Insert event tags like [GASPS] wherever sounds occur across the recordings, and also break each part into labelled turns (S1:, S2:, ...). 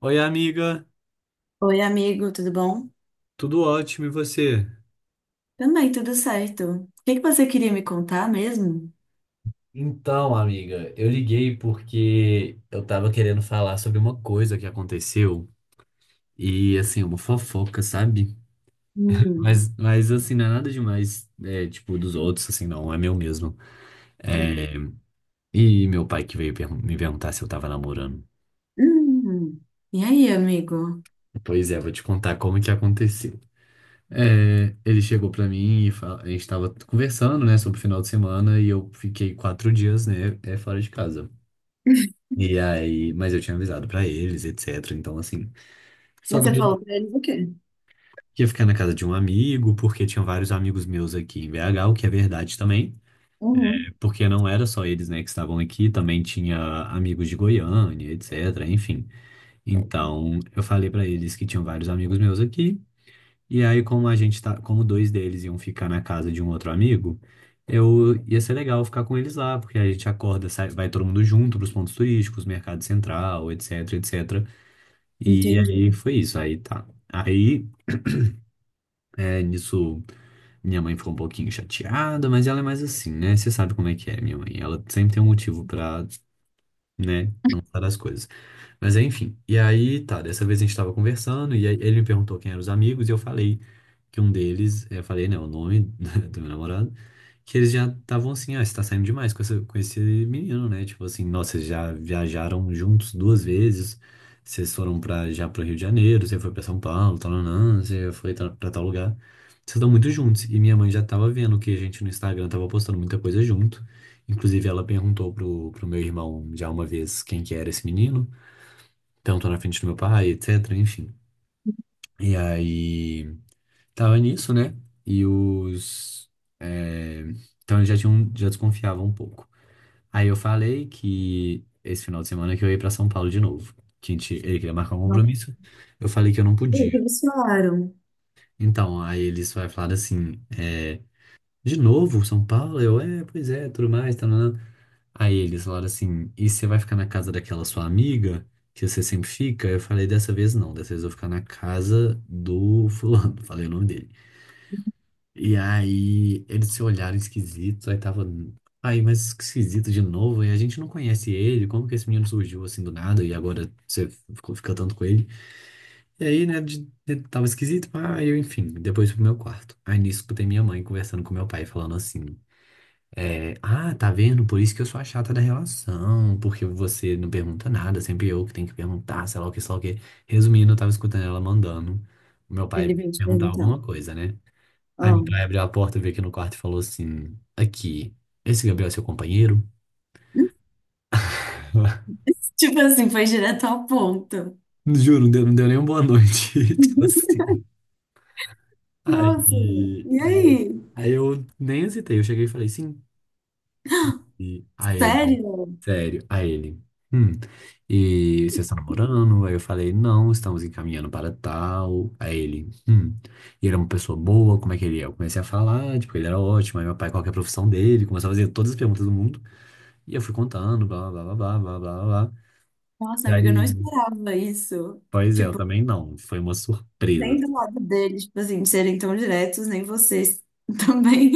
S1: Oi, amiga,
S2: Oi, amigo, tudo bom?
S1: tudo ótimo e você?
S2: Também, tudo certo. O que que você queria me contar mesmo?
S1: Então, amiga, eu liguei porque eu tava querendo falar sobre uma coisa que aconteceu e, assim, uma fofoca, sabe?
S2: Hum,
S1: Mas assim, não é nada demais, é, tipo, dos outros, assim, não, é meu mesmo.
S2: hum,
S1: É, e meu pai que veio me perguntar se eu tava namorando.
S2: hum. E aí, amigo?
S1: Pois é, vou te contar como que aconteceu. É, ele chegou pra mim e a gente tava conversando, né, sobre o final de semana e eu fiquei 4 dias, né, é, fora de casa. E aí, mas eu tinha avisado pra eles, etc. Então, assim, só
S2: Mas você
S1: que eu
S2: falou pra eles o quê?
S1: ia ficar na casa de um amigo, porque tinha vários amigos meus aqui em BH, o que é verdade também,
S2: Uhum,
S1: porque não era só eles, né, que estavam aqui, também tinha amigos de Goiânia, etc. Enfim, então eu falei pra eles que tinham vários amigos meus aqui, e aí como a gente tá, como dois deles iam ficar na casa de um outro amigo, eu ia ser legal ficar com eles lá, porque a gente acorda, sai, vai todo mundo junto pros pontos turísticos, mercado central, etc, etc. E
S2: entendi.
S1: aí foi isso, aí tá. Aí, [CLEARS THROAT] é, nisso, minha mãe ficou um pouquinho chateada, mas ela é mais assim, né? Você sabe como é que é, minha mãe. Ela sempre tem um motivo pra, né, não falar as coisas. Mas enfim, e aí tá, dessa vez a gente tava conversando e aí ele me perguntou quem eram os amigos e eu falei que um deles, é, eu falei, né, o nome [LAUGHS] do meu namorado, que eles já estavam assim, ah, você tá saindo demais com, essa, com esse menino, né? Tipo assim, nossa, vocês já viajaram juntos duas vezes, vocês foram já pro Rio de Janeiro, você foi pra São Paulo, tal, nanã, você foi pra tal lugar. Vocês estão muito juntos. E minha mãe já tava vendo que a gente no Instagram tava postando muita coisa junto. Inclusive, ela perguntou pro meu irmão já uma vez quem que era esse menino. Então, tô na frente do meu pai, etc, enfim. E aí, tava nisso, né? E os... é, então, eles já tinham, já desconfiavam um pouco. Aí eu falei que esse final de semana que eu ia pra São Paulo de novo. Que a gente, ele queria marcar um
S2: Não
S1: compromisso. Eu falei que eu não
S2: sei o que
S1: podia.
S2: eles falaram.
S1: Então, aí eles vai falar assim, de novo, São Paulo? Eu, é, pois é, tudo mais, tá, né? Aí eles falaram assim, e você vai ficar na casa daquela sua amiga, que você sempre fica? Eu falei, dessa vez não, dessa vez eu vou ficar na casa do fulano, [LAUGHS] falei o nome dele. E aí eles se olharam esquisitos, aí tava, aí, mas esquisito de novo, e a gente não conhece ele, como que esse menino surgiu assim do nada, e agora você fica tanto com ele? E aí, né, tava esquisito, aí eu, enfim, depois fui pro meu quarto. Aí nisso escutei minha mãe conversando com meu pai, falando assim. É, ah, tá vendo? Por isso que eu sou a chata da relação, porque você não pergunta nada, sempre eu que tenho que perguntar, sei lá o que, sei lá o que. Resumindo, eu tava escutando ela mandando o meu pai
S2: Ele veio te
S1: perguntar
S2: perguntar.
S1: alguma coisa, né? Aí meu
S2: Oh.
S1: pai abriu a porta, veio aqui no quarto e falou assim: Aqui, esse Gabriel é seu companheiro?
S2: [LAUGHS]
S1: [LAUGHS]
S2: Tipo assim, foi direto ao ponto.
S1: Juro, não deu nem uma boa noite. [LAUGHS] Tipo
S2: [LAUGHS]
S1: assim. Aí,
S2: Nossa, e
S1: aí,
S2: aí?
S1: aí, eu nem hesitei, eu cheguei e falei: Sim.
S2: [GASPS]
S1: E a ele,
S2: Sério?
S1: sério, a ele. Hum. E você está namorando? Aí eu falei, não, estamos encaminhando para tal. A ele. E ele é uma pessoa boa, como é que ele é? Eu comecei a falar, tipo, ele era ótimo. Aí meu pai, qual que é a profissão dele? Começou a fazer todas as perguntas do mundo. E eu fui contando, blá, blá, blá, blá, blá, blá, blá. Blá.
S2: Nossa,
S1: E aí,
S2: amiga, eu não esperava isso.
S1: pois é, eu
S2: Tipo
S1: também não. Foi uma surpresa.
S2: nem do lado deles, tipo assim, de serem tão diretos, nem vocês [LAUGHS] também.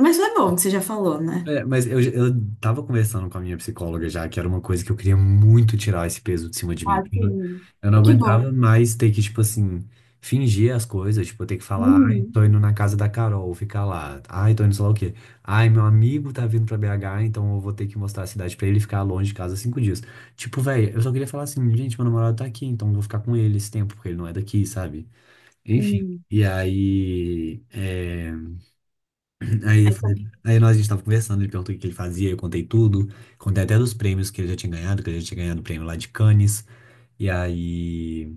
S2: Mas foi bom que você já falou, né?
S1: É, mas eu tava conversando com a minha psicóloga já, que era uma coisa que eu queria muito tirar esse peso de cima de mim.
S2: Ah, sim.
S1: Eu não
S2: É que bom.
S1: aguentava mais ter que, tipo assim, fingir as coisas, tipo, ter que falar, ai,
S2: Uhum,
S1: tô indo na casa da Carol, ficar lá, ai, tô indo sei lá o quê. Ai, meu amigo tá vindo pra BH, então eu vou ter que mostrar a cidade pra ele e ficar longe de casa 5 dias. Tipo, velho, eu só queria falar assim, gente, meu namorado tá aqui, então eu vou ficar com ele esse tempo, porque ele não é daqui, sabe? Enfim.
S2: sim.
S1: E aí, é. [CLEARS THROAT] Aí,
S2: Aí
S1: aí nós, a gente tava conversando, ele perguntou o que que ele fazia, eu contei tudo, contei até dos prêmios que ele já tinha ganhado, que ele já tinha ganhado o prêmio lá de Cannes, e aí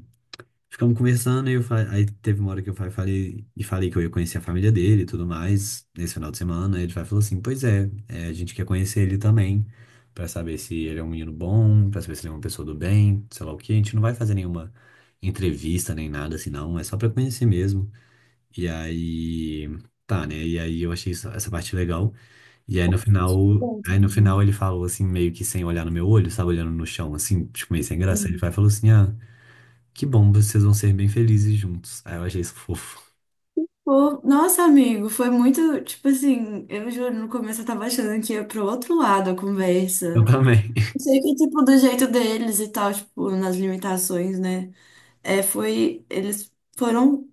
S1: ficamos conversando, e eu falei, aí teve uma hora que eu falei, e falei que eu ia conhecer a família dele e tudo mais, nesse final de semana, aí ele falou assim, pois é, é, a gente quer conhecer ele também, pra saber se ele é um menino bom, pra saber se ele é uma pessoa do bem, sei lá o que, a gente não vai fazer nenhuma entrevista nem nada assim não, é só pra conhecer mesmo, e aí... Tá, né? E aí eu achei essa parte legal. E
S2: compartilha
S1: aí no
S2: também.
S1: final ele falou assim, meio que sem olhar no meu olho, sabe, olhando no chão, assim, tipo, meio sem graça. Ele
S2: Sim.
S1: vai e falou assim, ah, que bom, vocês vão ser bem felizes juntos. Aí eu achei isso fofo. [LAUGHS]
S2: Pô, nossa, amigo, foi muito, tipo assim, eu juro, no começo eu tava achando que ia pro outro lado a conversa.
S1: Eu também.
S2: Não sei, que tipo do jeito deles e tal, tipo, nas limitações, né? É, foi, eles foram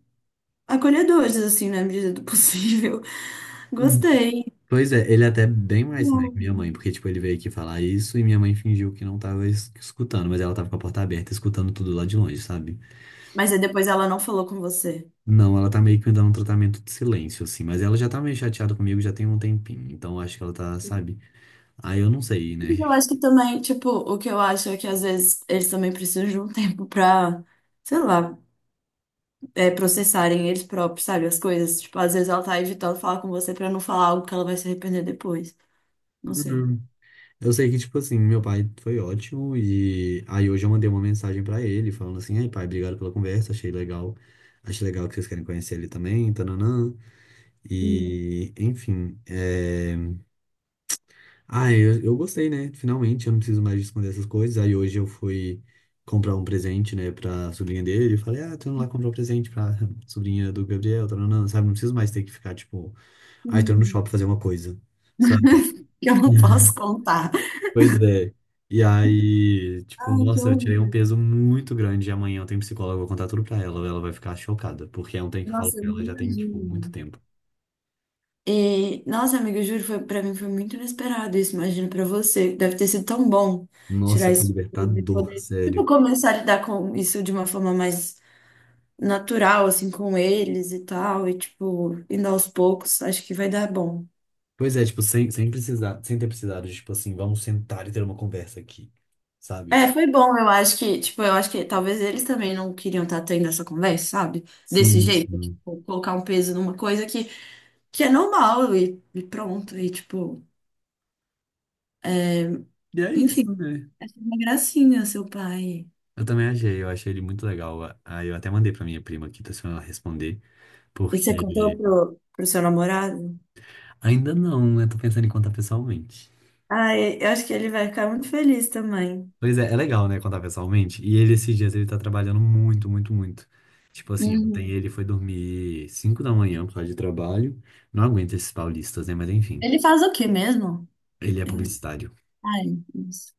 S2: acolhedores, assim, na medida do possível. [LAUGHS]
S1: Hum.
S2: Gostei.
S1: Pois é, ele é até bem mais, né, que minha mãe, porque, tipo, ele veio aqui falar isso e minha mãe fingiu que não tava escutando, mas ela tava com a porta aberta, escutando tudo lá de longe, sabe?
S2: Mas aí depois ela não falou com você.
S1: Não, ela tá meio que me dando um tratamento de silêncio, assim, mas ela já tá meio chateada comigo já tem um tempinho, então eu acho que ela tá, sabe? Aí eu não sei, né?
S2: Mas eu acho que também, tipo, o que eu acho é que às vezes eles também precisam de um [LAUGHS] tempo pra, sei lá, processarem eles próprios, sabe, as coisas. Tipo, às vezes ela tá evitando falar com você pra não falar algo que ela vai se arrepender depois. Não sei.
S1: Uhum. Eu sei que, tipo assim, meu pai foi ótimo e aí hoje eu mandei uma mensagem pra ele falando assim, ai pai, obrigado pela conversa, achei legal que vocês querem conhecer ele também, tananã.
S2: Hum. [LAUGHS]
S1: E, enfim, é... ah, eu gostei, né? Finalmente, eu não preciso mais esconder essas coisas. Aí hoje eu fui comprar um presente, né, pra sobrinha dele e falei, ah, tô indo lá comprar um presente pra [LAUGHS] sobrinha do Gabriel, tananã, sabe? Não preciso mais ter que ficar, tipo, ai, tô indo no
S2: Hum.
S1: shopping fazer uma coisa, sabe?
S2: Eu não posso contar.
S1: Pois é. E aí, tipo,
S2: Ai, que
S1: nossa, eu tirei um
S2: horror.
S1: peso muito grande e amanhã eu tenho psicóloga, eu vou contar tudo pra ela. Ela vai ficar chocada, porque é um trem que eu falo
S2: Nossa, eu
S1: pra
S2: nem
S1: ela já tem, tipo, muito
S2: imagino.
S1: tempo.
S2: E, nossa, amiga, eu juro, foi, pra mim foi muito inesperado isso. Imagino pra você. Deve ter sido tão bom
S1: Nossa,
S2: tirar
S1: foi
S2: isso e
S1: libertador,
S2: poder, tipo,
S1: sério.
S2: começar a lidar com isso de uma forma mais natural, assim, com eles e tal. E, tipo, indo aos poucos, acho que vai dar bom.
S1: Pois é, tipo, sem precisar, sem ter precisado, de, tipo assim, vamos sentar e ter uma conversa aqui, sabe?
S2: É,
S1: Tipo,
S2: foi bom, eu acho que, tipo, eu acho que talvez eles também não queriam estar tendo essa conversa, sabe? Desse
S1: sim,
S2: jeito,
S1: sim.
S2: tipo, colocar um peso numa coisa que, é normal e, pronto. E, tipo,
S1: E é
S2: enfim,
S1: isso, né?
S2: é uma gracinha, seu pai.
S1: Eu também achei, eu achei ele muito legal. Aí eu até mandei pra minha prima aqui, tá se ela responder,
S2: E você
S1: porque
S2: contou pro, pro seu namorado?
S1: ainda não, né? Tô pensando em contar pessoalmente.
S2: Ah, eu acho que ele vai ficar muito feliz também.
S1: Pois é, é legal, né, contar pessoalmente. E ele, esses dias, ele tá trabalhando muito, muito, muito. Tipo assim, ontem
S2: Uhum.
S1: ele foi dormir 5 da manhã por causa de trabalho. Não aguenta esses paulistas, né? Mas enfim,
S2: Ele faz o quê mesmo?
S1: ele é
S2: Eu...
S1: publicitário.
S2: Ai, isso.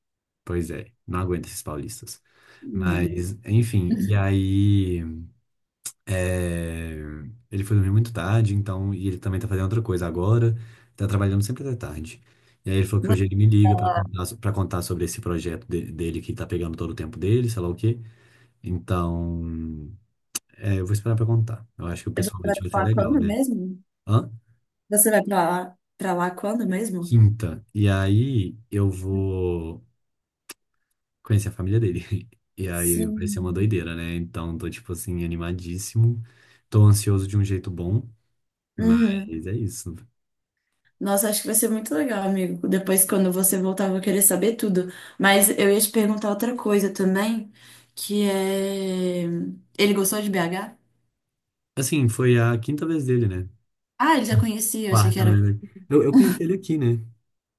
S1: Pois é, não aguenta esses paulistas.
S2: Hum.
S1: Mas, enfim, e aí. É, ele foi dormir muito tarde, então. E ele também tá fazendo outra coisa agora. Tá trabalhando sempre até tarde. E aí ele falou que
S2: Você
S1: hoje ele me
S2: vai
S1: liga pra
S2: lá,
S1: contar, pra contar sobre esse projeto dele que tá pegando todo o tempo dele, sei lá o quê. Então, é, eu vou esperar pra contar. Eu acho que
S2: você vai
S1: pessoalmente vai
S2: pra
S1: ser
S2: lá
S1: legal,
S2: quando
S1: né?
S2: mesmo?
S1: Hã?
S2: Você vai pra lá quando mesmo?
S1: Quinta. E aí eu vou conhecer a família dele. [LAUGHS] E aí vai ser uma
S2: Sim.
S1: doideira, né? Então tô, tipo assim, animadíssimo. Tô ansioso de um jeito bom,
S2: Uhum.
S1: mas é isso.
S2: Nossa, acho que vai ser muito legal, amigo. Depois, quando você voltar, eu vou querer saber tudo. Mas eu ia te perguntar outra coisa também, que é... Ele gostou de BH?
S1: Assim, foi a quinta vez dele, né?
S2: Ah, ele já conhecia, eu achei que
S1: Quarta, na
S2: era...
S1: verdade. Eu conheci ele aqui, né?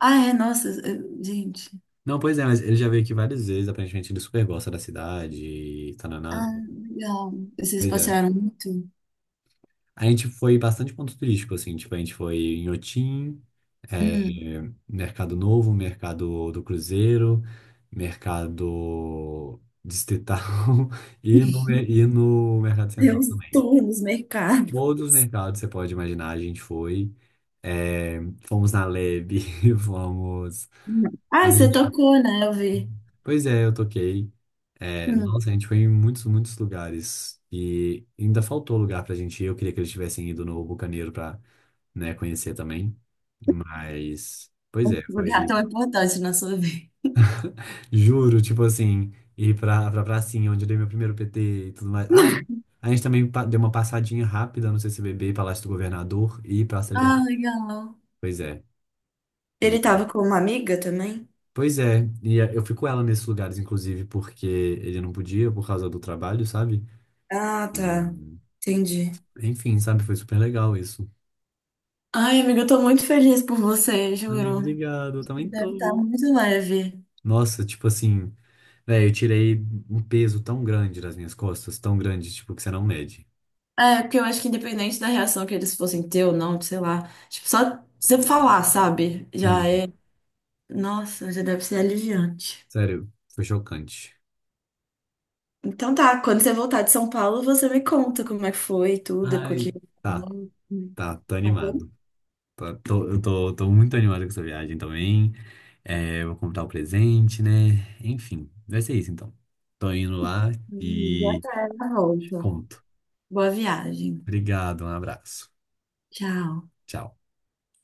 S2: Ah, é, nossa, gente.
S1: Não, pois é, mas ele já veio aqui várias vezes. Aparentemente ele super gosta da cidade, e tananã.
S2: Ah, legal. Vocês
S1: Pois é.
S2: passearam muito?
S1: A gente foi em bastante ponto turístico, assim, tipo, a gente foi em Otim,
S2: Hum.
S1: Mercado Novo, Mercado do Cruzeiro, Mercado Distrital [LAUGHS] e no Mercado
S2: Deu
S1: Central
S2: uns
S1: também.
S2: tours nos mercados.
S1: Todos os mercados que você pode imaginar, a gente foi. É, fomos na Lebe, [LAUGHS] fomos.
S2: Hum. Ah, você tocou, né? Eu vi.
S1: Pois é, eu toquei. É,
S2: Hum.
S1: nossa, a gente foi em muitos, muitos lugares. E ainda faltou lugar pra gente ir. Eu queria que eles tivessem ido no Bucaneiro pra, né, conhecer também. Mas, pois
S2: Um
S1: é,
S2: lugar
S1: foi.
S2: tão importante na sua vida.
S1: Juro, tipo assim, ir pra pracinha, onde eu dei meu primeiro PT e tudo mais. Ah, a gente também deu uma passadinha rápida no CCBB, Palácio do Governador e Praça da
S2: Ah,
S1: Liberdade.
S2: legal.
S1: Pois é. E,
S2: Ele tava com uma amiga também?
S1: pois é, e eu fico ela nesses lugares, inclusive, porque ele não podia por causa do trabalho, sabe?
S2: Ah, tá. Entendi.
S1: Enfim, sabe? Foi super legal isso.
S2: Ai, amiga, eu tô muito feliz por você,
S1: Ai,
S2: juro.
S1: obrigado, eu
S2: Você
S1: também
S2: deve estar
S1: tô.
S2: muito leve.
S1: Nossa, tipo assim, velho, eu tirei um peso tão grande das minhas costas, tão grande, tipo, que você não mede.
S2: É, porque eu acho que independente da reação que eles fossem ter ou não, sei lá, tipo, só você falar, sabe? Já
S1: Sim,
S2: é. Nossa, já deve ser aliviante.
S1: sério, foi chocante.
S2: Então tá, quando você voltar de São Paulo, você me conta como é que foi tudo, com
S1: Ai,
S2: aquele.
S1: tá, tá, tô
S2: Tá
S1: animado.
S2: bem?
S1: Eu tô muito animado com essa viagem também. É, eu vou comprar o presente, né? Enfim, vai ser isso então. Tô indo lá
S2: Já
S1: e
S2: tá na
S1: te
S2: volta.
S1: conto.
S2: Boa viagem.
S1: Obrigado, um abraço.
S2: Tchau.
S1: Tchau.